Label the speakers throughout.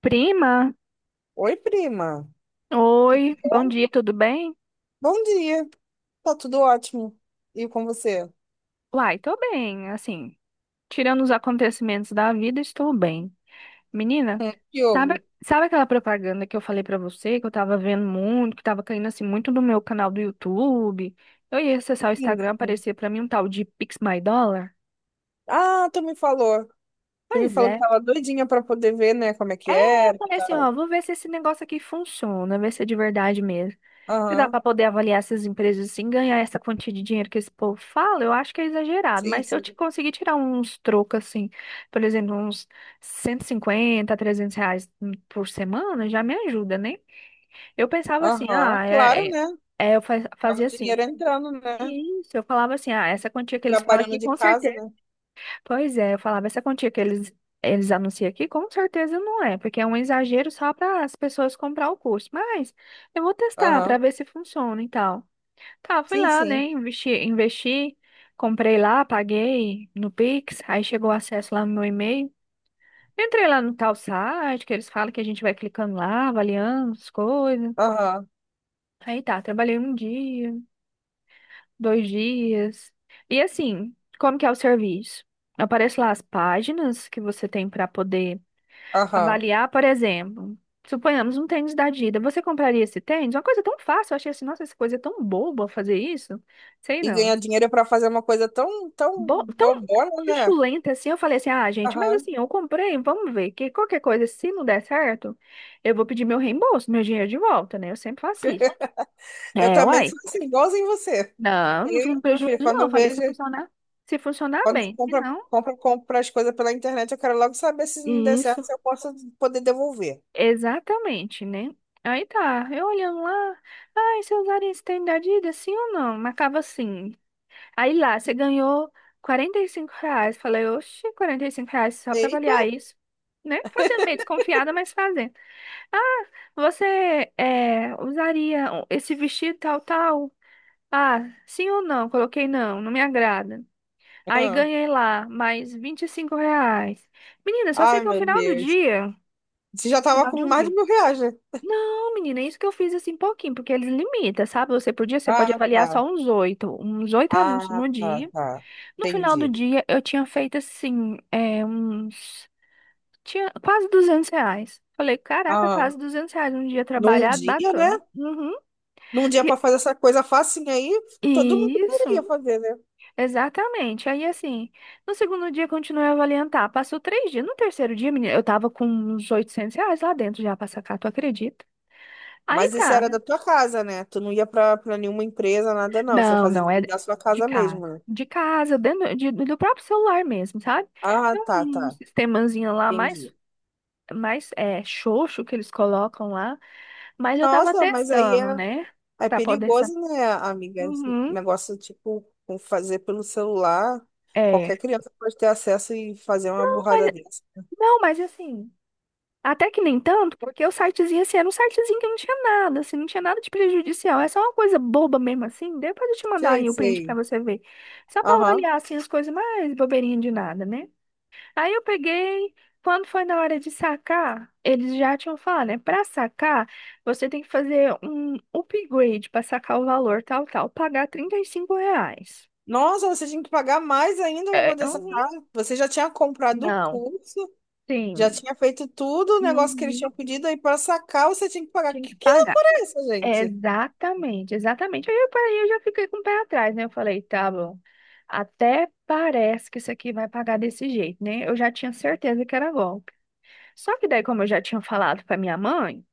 Speaker 1: Prima,
Speaker 2: Oi, prima.
Speaker 1: oi, bom dia, tudo bem?
Speaker 2: Bom dia. Tá tudo ótimo. E com você?
Speaker 1: Uai, tô bem, assim, tirando os acontecimentos da vida, estou bem. Menina,
Speaker 2: Que
Speaker 1: sabe,
Speaker 2: houve?
Speaker 1: sabe aquela propaganda que eu falei pra você, que eu tava vendo muito, que tava caindo assim muito no meu canal do YouTube? Eu ia acessar o
Speaker 2: Sim,
Speaker 1: Instagram,
Speaker 2: sim.
Speaker 1: aparecia pra mim um tal de Pix My Dollar?
Speaker 2: Ah, Tu me
Speaker 1: Pois
Speaker 2: falou que
Speaker 1: é.
Speaker 2: tava doidinha pra poder ver, né, como é
Speaker 1: É,
Speaker 2: que
Speaker 1: eu
Speaker 2: era e
Speaker 1: falei assim, ó,
Speaker 2: tal.
Speaker 1: vou ver se esse negócio aqui funciona, ver se é de verdade mesmo. Se dá
Speaker 2: Aham.
Speaker 1: para poder avaliar essas empresas assim, ganhar essa quantia de dinheiro que esse povo fala, eu acho que é exagerado,
Speaker 2: Sim,
Speaker 1: mas se eu te
Speaker 2: sim.
Speaker 1: conseguir tirar uns trocos assim, por exemplo, uns R$ 150, R$ 300 por semana, já me ajuda, né? Eu pensava assim,
Speaker 2: Aham.
Speaker 1: ah,
Speaker 2: Claro, né? Tava o
Speaker 1: fazia assim.
Speaker 2: dinheiro entrando, né?
Speaker 1: Isso, eu falava assim, ah, essa quantia que eles falam
Speaker 2: Trabalhando
Speaker 1: aqui,
Speaker 2: de
Speaker 1: com
Speaker 2: casa,
Speaker 1: certeza.
Speaker 2: né?
Speaker 1: Pois é, eu falava essa quantia que eles anunciam aqui, com certeza não é, porque é um exagero só para as pessoas comprar o curso. Mas eu vou testar para
Speaker 2: Aham.
Speaker 1: ver se funciona e tal. Tá, fui
Speaker 2: Sim,
Speaker 1: lá, né?
Speaker 2: sim.
Speaker 1: Investi, comprei lá, paguei no Pix, aí chegou o acesso lá no meu e-mail. Entrei lá no tal site, que eles falam que a gente vai clicando lá, avaliando as coisas.
Speaker 2: Aham.
Speaker 1: Aí tá, trabalhei um dia, dois dias. E assim, como que é o serviço? Aparece lá as páginas que você tem para poder
Speaker 2: Aham.
Speaker 1: avaliar, por exemplo, suponhamos um tênis da Adidas. Você compraria esse tênis? Uma coisa tão fácil, eu achei assim, nossa, essa coisa é tão boba fazer isso. Sei
Speaker 2: E
Speaker 1: não.
Speaker 2: ganhar dinheiro pra fazer uma coisa tão, tão
Speaker 1: Tão
Speaker 2: bobona, né?
Speaker 1: chuchulenta assim, eu falei assim, ah, gente, mas
Speaker 2: Aham.
Speaker 1: assim, eu comprei, vamos ver, que qualquer coisa, se não der certo, eu vou pedir meu reembolso, meu dinheiro de volta, né? Eu sempre faço isso.
Speaker 2: Eu
Speaker 1: É,
Speaker 2: também
Speaker 1: uai.
Speaker 2: sou assim, igualzinho você.
Speaker 1: Não, não fico
Speaker 2: E,
Speaker 1: com
Speaker 2: meu
Speaker 1: prejuízo,
Speaker 2: filho,
Speaker 1: não.
Speaker 2: quando
Speaker 1: Eu
Speaker 2: eu
Speaker 1: falei,
Speaker 2: vejo.
Speaker 1: se funcionar
Speaker 2: Quando
Speaker 1: bem. Se
Speaker 2: compra,
Speaker 1: não,
Speaker 2: compra, compra as coisas pela internet, eu quero logo saber se não der certo,
Speaker 1: isso.
Speaker 2: se eu posso poder devolver.
Speaker 1: Exatamente, né? Aí tá, eu olhando lá, ai, você usaria esse tênis da Adidas, sim ou não? Marcava sim. Aí lá, você ganhou R$ 45. Falei, oxe, R$ 45 só pra
Speaker 2: Eita!
Speaker 1: avaliar isso, né? Fazendo meio desconfiada, mas fazendo. "Ah, você usaria esse vestido tal, tal? Ah, sim ou não?" Coloquei não, não me agrada. Aí
Speaker 2: Ah.
Speaker 1: ganhei lá mais R$ 25. Menina, só sei
Speaker 2: Ai,
Speaker 1: que é o
Speaker 2: meu
Speaker 1: final do
Speaker 2: Deus.
Speaker 1: dia,
Speaker 2: Você já tava
Speaker 1: final de
Speaker 2: com
Speaker 1: um
Speaker 2: mais de
Speaker 1: dia.
Speaker 2: R$ 1.000, né?
Speaker 1: Não, menina, é isso que eu fiz assim pouquinho, porque eles limitam, sabe? Você por dia, você pode
Speaker 2: Ah,
Speaker 1: avaliar
Speaker 2: tá.
Speaker 1: só uns oito anúncios
Speaker 2: Ah,
Speaker 1: no
Speaker 2: tá,
Speaker 1: dia.
Speaker 2: tá.
Speaker 1: No final do
Speaker 2: Entendi.
Speaker 1: dia, eu tinha feito assim, é, uns. Tinha quase R$ 200. Falei, caraca,
Speaker 2: Ah,
Speaker 1: quase R$ 200 um dia
Speaker 2: num
Speaker 1: trabalhado,
Speaker 2: dia, né?
Speaker 1: bacana. Uhum.
Speaker 2: Num dia pra
Speaker 1: E,
Speaker 2: fazer essa coisa facinha aí, todo mundo
Speaker 1: e isso,
Speaker 2: poderia fazer, né?
Speaker 1: exatamente. Aí assim, no segundo dia, continuei a avaliar. Passou três dias. No terceiro dia, menina, eu tava com uns R$ 800 lá dentro já pra sacar, tu acredita? Aí
Speaker 2: Mas isso
Speaker 1: tá.
Speaker 2: era da tua casa, né? Tu não ia pra, pra nenhuma empresa, nada não. Você
Speaker 1: Não,
Speaker 2: fazia
Speaker 1: não, é
Speaker 2: da sua
Speaker 1: de
Speaker 2: casa
Speaker 1: casa.
Speaker 2: mesmo, né?
Speaker 1: De casa, dentro do próprio celular mesmo, sabe?
Speaker 2: Ah,
Speaker 1: Tem
Speaker 2: tá,
Speaker 1: um
Speaker 2: tá.
Speaker 1: sistemazinho
Speaker 2: Entendi.
Speaker 1: mais é, xoxo que eles colocam lá, mas eu tava
Speaker 2: Nossa, mas aí
Speaker 1: testando,
Speaker 2: é.
Speaker 1: né?
Speaker 2: É
Speaker 1: Pra poder
Speaker 2: perigoso,
Speaker 1: saber.
Speaker 2: né, amiga? Esse
Speaker 1: Uhum,
Speaker 2: negócio, tipo, com fazer pelo celular. Qualquer
Speaker 1: é.
Speaker 2: criança pode ter acesso e fazer uma burrada
Speaker 1: Mas,
Speaker 2: dessa.
Speaker 1: não, mas assim, até que nem tanto, porque o sitezinho, assim, era um sitezinho que não tinha nada, assim, não tinha nada de prejudicial. É só uma coisa boba mesmo, assim. Depois eu te mandar
Speaker 2: Sei,
Speaker 1: aí o print pra
Speaker 2: sei.
Speaker 1: você ver. Só pra
Speaker 2: Aham.
Speaker 1: avaliar, assim, as coisas mais bobeirinhas de nada, né? Aí eu peguei, quando foi na hora de sacar, eles já tinham falado, né? Para sacar, você tem que fazer um upgrade para sacar o valor tal, tal, pagar R$ 35.
Speaker 2: Nossa, você tinha que pagar mais ainda pra
Speaker 1: É,
Speaker 2: poder
Speaker 1: uhum,
Speaker 2: sacar. Você já tinha comprado o
Speaker 1: não,
Speaker 2: curso, já
Speaker 1: sim,
Speaker 2: tinha feito tudo o negócio que eles
Speaker 1: uhum,
Speaker 2: tinham pedido, aí para sacar você tinha que pagar.
Speaker 1: tinha que
Speaker 2: Que
Speaker 1: pagar.
Speaker 2: loucura é essa, gente?
Speaker 1: Exatamente, exatamente. Aí eu parei, eu já fiquei com o pé atrás, né? Eu falei, tá bom, até parece que isso aqui vai pagar desse jeito, né? Eu já tinha certeza que era golpe. Só que daí, como eu já tinha falado para minha mãe,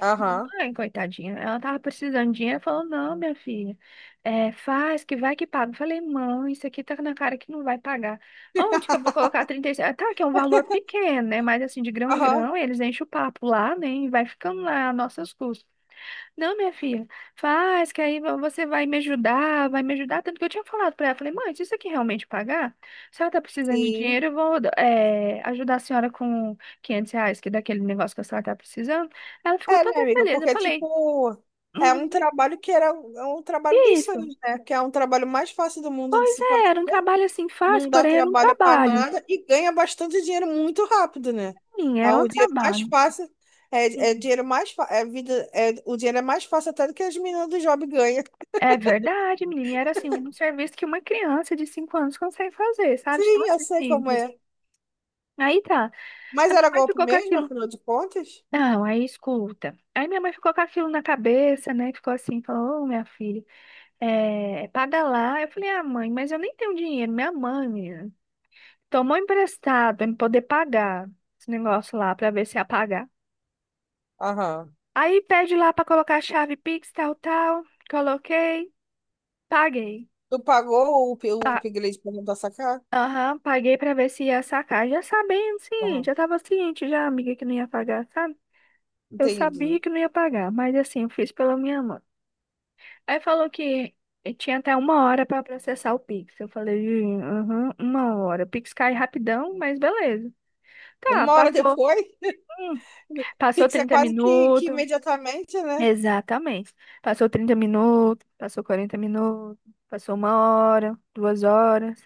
Speaker 2: Aham.
Speaker 1: mãe coitadinha, ela tava precisando de dinheiro, falou, não, minha filha, é, faz, que vai que paga. Eu falei, mãe, isso aqui tá na cara que não vai pagar. Onde que eu vou colocar 36? Ah, tá, que é um valor pequeno, né, mas assim, de grão em
Speaker 2: Aham.
Speaker 1: grão, eles enchem o papo lá, né, e vai ficando lá a nossas custas. Não, minha filha, faz, que aí você vai me ajudar, vai me ajudar. Tanto que eu tinha falado pra ela, falei, mãe, se isso aqui realmente pagar, se ela tá precisando de
Speaker 2: Sim.
Speaker 1: dinheiro, eu vou ajudar a senhora com R$ 500, que é daquele negócio que a senhora tá precisando. Ela ficou
Speaker 2: É,
Speaker 1: toda
Speaker 2: minha amiga,
Speaker 1: feliz. Eu
Speaker 2: porque,
Speaker 1: falei,
Speaker 2: tipo, é um
Speaker 1: "Uhum,
Speaker 2: trabalho que era um é um trabalho
Speaker 1: que
Speaker 2: dos
Speaker 1: isso?"
Speaker 2: sonhos, né? Que é um trabalho mais fácil do mundo de
Speaker 1: Pois
Speaker 2: se
Speaker 1: é,
Speaker 2: fazer,
Speaker 1: era um trabalho assim fácil,
Speaker 2: não dá
Speaker 1: porém era um
Speaker 2: trabalho para
Speaker 1: trabalho.
Speaker 2: nada e ganha bastante dinheiro muito rápido, né?
Speaker 1: Sim,
Speaker 2: É
Speaker 1: era um
Speaker 2: o dinheiro mais
Speaker 1: trabalho.
Speaker 2: fácil, é
Speaker 1: Sim.
Speaker 2: dinheiro é vida, é, o dinheiro é mais fácil até do que as meninas do job ganham.
Speaker 1: É verdade, menina. E era assim, um serviço que uma criança de 5 anos consegue fazer, sabe? De tão
Speaker 2: Sim, eu
Speaker 1: assim,
Speaker 2: sei como
Speaker 1: simples.
Speaker 2: é.
Speaker 1: Aí tá.
Speaker 2: Mas
Speaker 1: A minha
Speaker 2: era
Speaker 1: mãe
Speaker 2: golpe
Speaker 1: ficou com
Speaker 2: mesmo,
Speaker 1: aquilo.
Speaker 2: afinal de contas?
Speaker 1: Não, aí escuta. Aí minha mãe ficou com aquilo na cabeça, né? Ficou assim, falou, ô, minha filha, é, paga lá. Eu falei, ah, mãe, mas eu nem tenho dinheiro. Minha mãe, menina, tomou emprestado pra me poder pagar esse negócio lá, pra ver se ia pagar.
Speaker 2: Aham.
Speaker 1: Aí pede lá pra colocar a chave Pix, tal, tal. Coloquei, paguei.
Speaker 2: Tu pagou o, o
Speaker 1: Pa-
Speaker 2: upgrade pra não dar sacar?
Speaker 1: Aham, paguei pra ver se ia sacar. Já sabendo, sim,
Speaker 2: Aham.
Speaker 1: já tava ciente, já, amiga, que não ia pagar, sabe? Eu
Speaker 2: Entendi.
Speaker 1: sabia que não ia pagar, mas assim, eu fiz pela minha mãe. Aí falou que tinha até 1 hora para processar o Pix. Eu falei, "Ih, aham, 1 hora." O Pix cai rapidão, mas beleza. Tá,
Speaker 2: Uma hora
Speaker 1: passou.
Speaker 2: depois?
Speaker 1: Hum, passou
Speaker 2: Pix é
Speaker 1: 30
Speaker 2: quase que
Speaker 1: minutos.
Speaker 2: imediatamente, né?
Speaker 1: Exatamente. Passou 30 minutos, passou 40 minutos, passou 1 hora, 2 horas.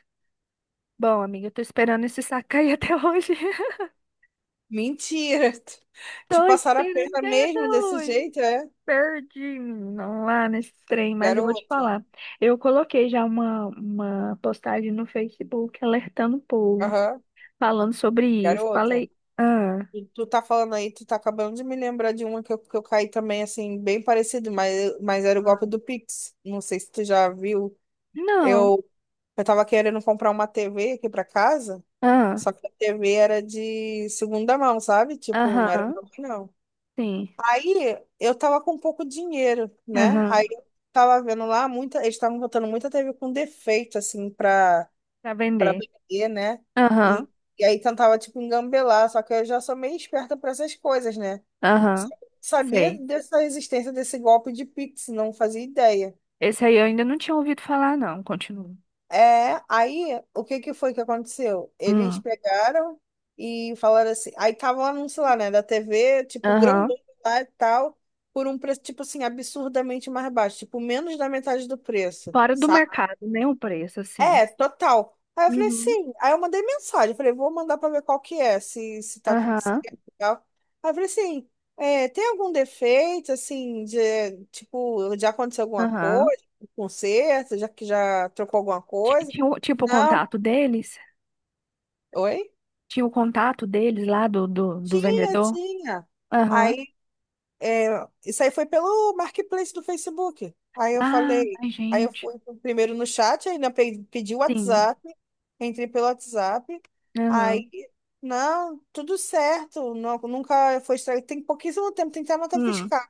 Speaker 1: Bom, amiga, eu tô esperando esse saco cair até hoje.
Speaker 2: Mentira. Te
Speaker 1: Tô
Speaker 2: passaram a
Speaker 1: esperando
Speaker 2: perna
Speaker 1: cair até
Speaker 2: mesmo desse
Speaker 1: hoje.
Speaker 2: jeito, é?
Speaker 1: Perdi, menina, lá nesse trem, mas eu vou te
Speaker 2: Garota.
Speaker 1: falar. Eu coloquei já uma postagem no Facebook alertando o povo,
Speaker 2: Aham,
Speaker 1: falando sobre isso.
Speaker 2: garota.
Speaker 1: Falei, ah,
Speaker 2: E tu tá falando aí, tu tá acabando de me lembrar de uma que eu caí também, assim, bem parecido, mas era o golpe do Pix. Não sei se tu já viu.
Speaker 1: não,
Speaker 2: Eu, eu tava querendo comprar uma TV aqui pra casa,
Speaker 1: ah,
Speaker 2: só que a TV era de segunda mão, sabe? Tipo, não era
Speaker 1: aham,
Speaker 2: nova, não.
Speaker 1: sim,
Speaker 2: Aí eu tava com pouco dinheiro, né?
Speaker 1: aham,
Speaker 2: Aí eu tava vendo lá, eles estavam botando muita TV com defeito, assim, pra,
Speaker 1: pra
Speaker 2: pra
Speaker 1: vender.
Speaker 2: vender, né?
Speaker 1: Aham,
Speaker 2: E, e aí tentava, tipo, engambelar, só que eu já sou meio esperta pra essas coisas, né?
Speaker 1: aham,
Speaker 2: Sabia
Speaker 1: sei.
Speaker 2: dessa existência desse golpe de Pix, não fazia ideia.
Speaker 1: Esse aí eu ainda não tinha ouvido falar, não. Continua.
Speaker 2: É, aí o que que foi que aconteceu? Eles
Speaker 1: Hum,
Speaker 2: pegaram e falaram assim, aí tava o anúncio lá, né, da TV, tipo,
Speaker 1: aham.
Speaker 2: grandão lá e tal, por um preço, tipo assim, absurdamente mais baixo, tipo, menos da metade do preço,
Speaker 1: Fora do
Speaker 2: sabe?
Speaker 1: mercado, né? O preço, assim.
Speaker 2: É, total. Aí eu falei,
Speaker 1: Uhum,
Speaker 2: sim. Aí eu mandei mensagem, falei, vou mandar pra ver qual que é, se tá tudo
Speaker 1: aham,
Speaker 2: certo e tal. Aí eu falei assim, é, tem algum defeito, assim, de, tipo, já aconteceu alguma
Speaker 1: aham.
Speaker 2: coisa, um conserto, já que já trocou alguma coisa?
Speaker 1: Tipo o
Speaker 2: Não.
Speaker 1: contato deles.
Speaker 2: Oi?
Speaker 1: Tinha o contato deles lá do
Speaker 2: Tinha,
Speaker 1: vendedor?
Speaker 2: tinha.
Speaker 1: Aham.
Speaker 2: Aí, é, isso aí foi pelo Marketplace do Facebook. Aí eu
Speaker 1: Ah,
Speaker 2: falei,
Speaker 1: ai,
Speaker 2: aí eu
Speaker 1: gente.
Speaker 2: fui primeiro no chat, aí ainda pedi o
Speaker 1: Sim.
Speaker 2: WhatsApp, entrei pelo WhatsApp. Aí,
Speaker 1: Aham.
Speaker 2: não, tudo certo, não, nunca foi estragado. Tem pouquíssimo tempo, tem que ter a nota
Speaker 1: Hum.
Speaker 2: fiscal.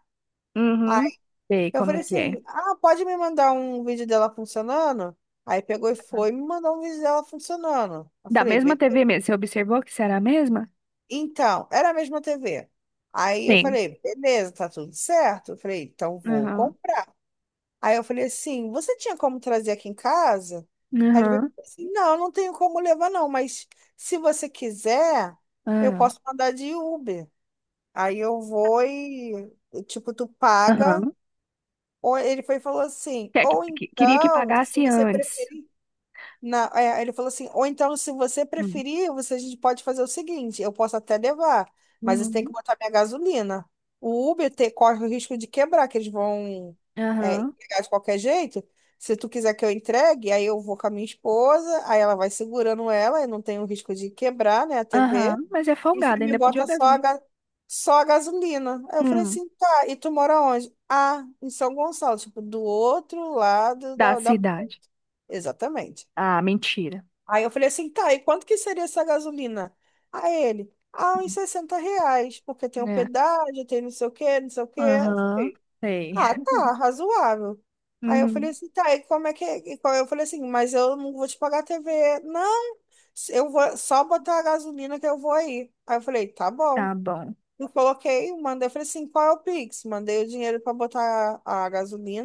Speaker 2: Aí
Speaker 1: Uhum. Sei
Speaker 2: eu falei
Speaker 1: como que é.
Speaker 2: assim, ah, pode me mandar um vídeo dela funcionando? Aí pegou e
Speaker 1: Aham.
Speaker 2: foi e me mandou um vídeo dela funcionando. Eu
Speaker 1: Da
Speaker 2: falei,
Speaker 1: mesma
Speaker 2: beleza.
Speaker 1: TV mesmo. Você observou que será a mesma?
Speaker 2: Então, era a mesma TV. Aí eu
Speaker 1: Sim.
Speaker 2: falei, beleza, tá tudo certo. Eu falei, então vou
Speaker 1: Aham.
Speaker 2: comprar. Aí eu falei assim, você tinha como trazer aqui em casa? Aí ele veio
Speaker 1: Aham.
Speaker 2: e falou assim, não, não tenho como levar não, mas se você quiser, eu
Speaker 1: Aham.
Speaker 2: posso mandar de Uber. Aí eu vou e, tipo, tu paga.
Speaker 1: Aham.
Speaker 2: Ou ele foi e falou assim, ou
Speaker 1: Queria que
Speaker 2: então, se
Speaker 1: pagasse
Speaker 2: você
Speaker 1: antes.
Speaker 2: preferir, ele falou assim, ou então, se você
Speaker 1: Hum.
Speaker 2: preferir, você, a gente pode fazer o seguinte, eu posso até levar, mas você tem que
Speaker 1: Uhum.
Speaker 2: botar minha gasolina. O Uber corre o risco de quebrar, que eles vão
Speaker 1: Aham.
Speaker 2: entregar de qualquer jeito. Se tu quiser que eu entregue, aí eu vou com a minha esposa, aí ela vai segurando ela, e não tem o risco de quebrar, né, a
Speaker 1: Aham.
Speaker 2: TV.
Speaker 1: Mas é
Speaker 2: E você
Speaker 1: folgado,
Speaker 2: me
Speaker 1: ainda pediu a
Speaker 2: bota só a,
Speaker 1: gasolina.
Speaker 2: só a gasolina. Aí eu falei
Speaker 1: Hum.
Speaker 2: assim, tá, e tu mora onde? Ah, em São Gonçalo, tipo, do outro lado
Speaker 1: Da
Speaker 2: da... da...
Speaker 1: cidade.
Speaker 2: Exatamente.
Speaker 1: Ah, mentira.
Speaker 2: Aí eu falei assim, tá, e quanto que seria essa gasolina? Aí ele, ah, uns R$ 60, porque tem
Speaker 1: Né?
Speaker 2: pedágio, tem não sei o quê, não sei o quê. Eu
Speaker 1: Aham.
Speaker 2: falei,
Speaker 1: Sei.
Speaker 2: ah, tá, razoável. Aí eu falei
Speaker 1: Uhum.
Speaker 2: assim, tá, e como é que é? E Eu falei assim, mas eu não vou te pagar a TV. Não, eu vou só botar a gasolina que eu vou aí. Aí eu falei, tá bom.
Speaker 1: Tá bom.
Speaker 2: Eu coloquei, mandei, eu falei assim, qual é o Pix? Mandei o dinheiro para botar a,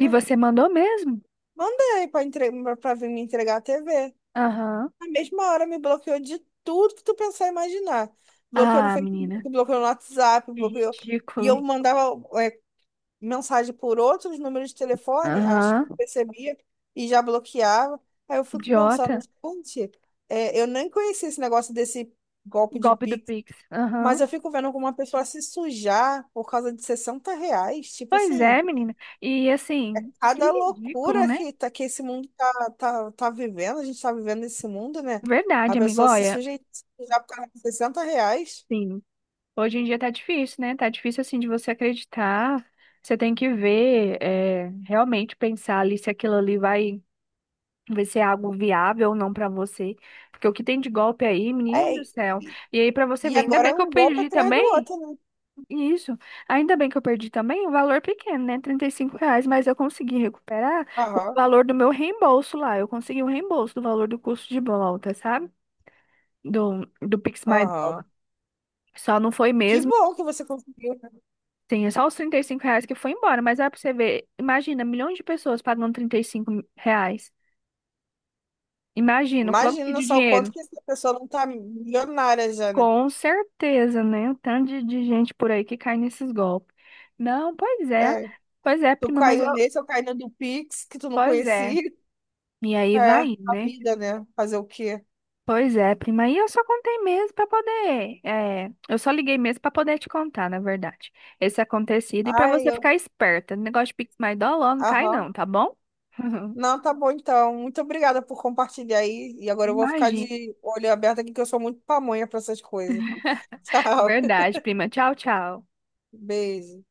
Speaker 1: E você mandou mesmo?
Speaker 2: Mandei para entre... para vir me entregar a TV.
Speaker 1: Aham.
Speaker 2: Na mesma hora me bloqueou de tudo que tu pensar e imaginar. Bloqueou no
Speaker 1: Ah,
Speaker 2: Facebook,
Speaker 1: menina.
Speaker 2: bloqueou no WhatsApp,
Speaker 1: Que
Speaker 2: bloqueou. E eu
Speaker 1: ridículo.
Speaker 2: mandava mensagem por outros números de telefone, acho que
Speaker 1: Aham.
Speaker 2: eu percebia, e já bloqueava. Aí eu fico pensando,
Speaker 1: Idiota.
Speaker 2: gente, é, eu nem conhecia esse negócio desse golpe de
Speaker 1: Golpe do
Speaker 2: Pix,
Speaker 1: Pix.
Speaker 2: mas
Speaker 1: Aham.
Speaker 2: eu fico vendo como uma pessoa se sujar por causa de R$ 60. Tipo
Speaker 1: Pois
Speaker 2: assim,
Speaker 1: é, menina. E assim, que
Speaker 2: cada
Speaker 1: ridículo,
Speaker 2: loucura
Speaker 1: né?
Speaker 2: que, tá, que esse mundo tá, tá vivendo, a gente tá vivendo esse mundo, né? A
Speaker 1: Verdade, amigo.
Speaker 2: pessoa
Speaker 1: Olha,
Speaker 2: se sujar por causa de R$ 60.
Speaker 1: sim. Hoje em dia tá difícil, né? Tá difícil assim de você acreditar. Você tem que ver, é, realmente pensar ali se aquilo ali vai ser algo viável ou não pra você. Porque o que tem de golpe aí,
Speaker 2: É,
Speaker 1: menino do céu.
Speaker 2: e
Speaker 1: E aí, pra você
Speaker 2: e
Speaker 1: ver, ainda
Speaker 2: agora
Speaker 1: bem
Speaker 2: é
Speaker 1: que eu
Speaker 2: um golpe
Speaker 1: perdi
Speaker 2: atrás do
Speaker 1: também.
Speaker 2: outro, né?
Speaker 1: Isso. Ainda bem que eu perdi também o valor pequeno, né? R$ 35, mas eu consegui recuperar o
Speaker 2: Aham,
Speaker 1: valor do meu reembolso lá. Eu consegui o reembolso do valor do custo de volta, sabe? Do Pix My Dollar.
Speaker 2: aham.
Speaker 1: Só não foi
Speaker 2: Que
Speaker 1: mesmo.
Speaker 2: bom que você conseguiu, né?
Speaker 1: Tem só os R$ 35 que foi embora, mas é pra você ver. Imagina, milhões de pessoas pagando R$ 35. Imagina, o quanto que
Speaker 2: Imagina
Speaker 1: de
Speaker 2: só o quanto
Speaker 1: dinheiro?
Speaker 2: que essa pessoa não tá milionária já, né?
Speaker 1: Com certeza, né? O tanto de gente por aí que cai nesses golpes. Não, pois é.
Speaker 2: É,
Speaker 1: Pois é,
Speaker 2: tu
Speaker 1: prima, mas eu.
Speaker 2: caiu nesse, eu caí no do Pix, que tu não
Speaker 1: Pois é.
Speaker 2: conhecia.
Speaker 1: E aí
Speaker 2: É,
Speaker 1: vai,
Speaker 2: a
Speaker 1: né?
Speaker 2: vida, né? Fazer o quê?
Speaker 1: Pois é, prima, e eu só contei mesmo para poder, é, eu só liguei mesmo para poder te contar, na verdade, esse acontecido e para
Speaker 2: Ai,
Speaker 1: você
Speaker 2: eu...
Speaker 1: ficar esperta. Negócio de Pix My Dollar não cai
Speaker 2: Aham.
Speaker 1: não, tá bom?
Speaker 2: Não, tá bom então. Muito obrigada por compartilhar aí. E agora eu vou ficar
Speaker 1: Imagina.
Speaker 2: de olho aberto aqui, que eu sou muito pamonha para essas coisas. Tchau.
Speaker 1: Verdade, prima. Tchau, tchau.
Speaker 2: Beijo.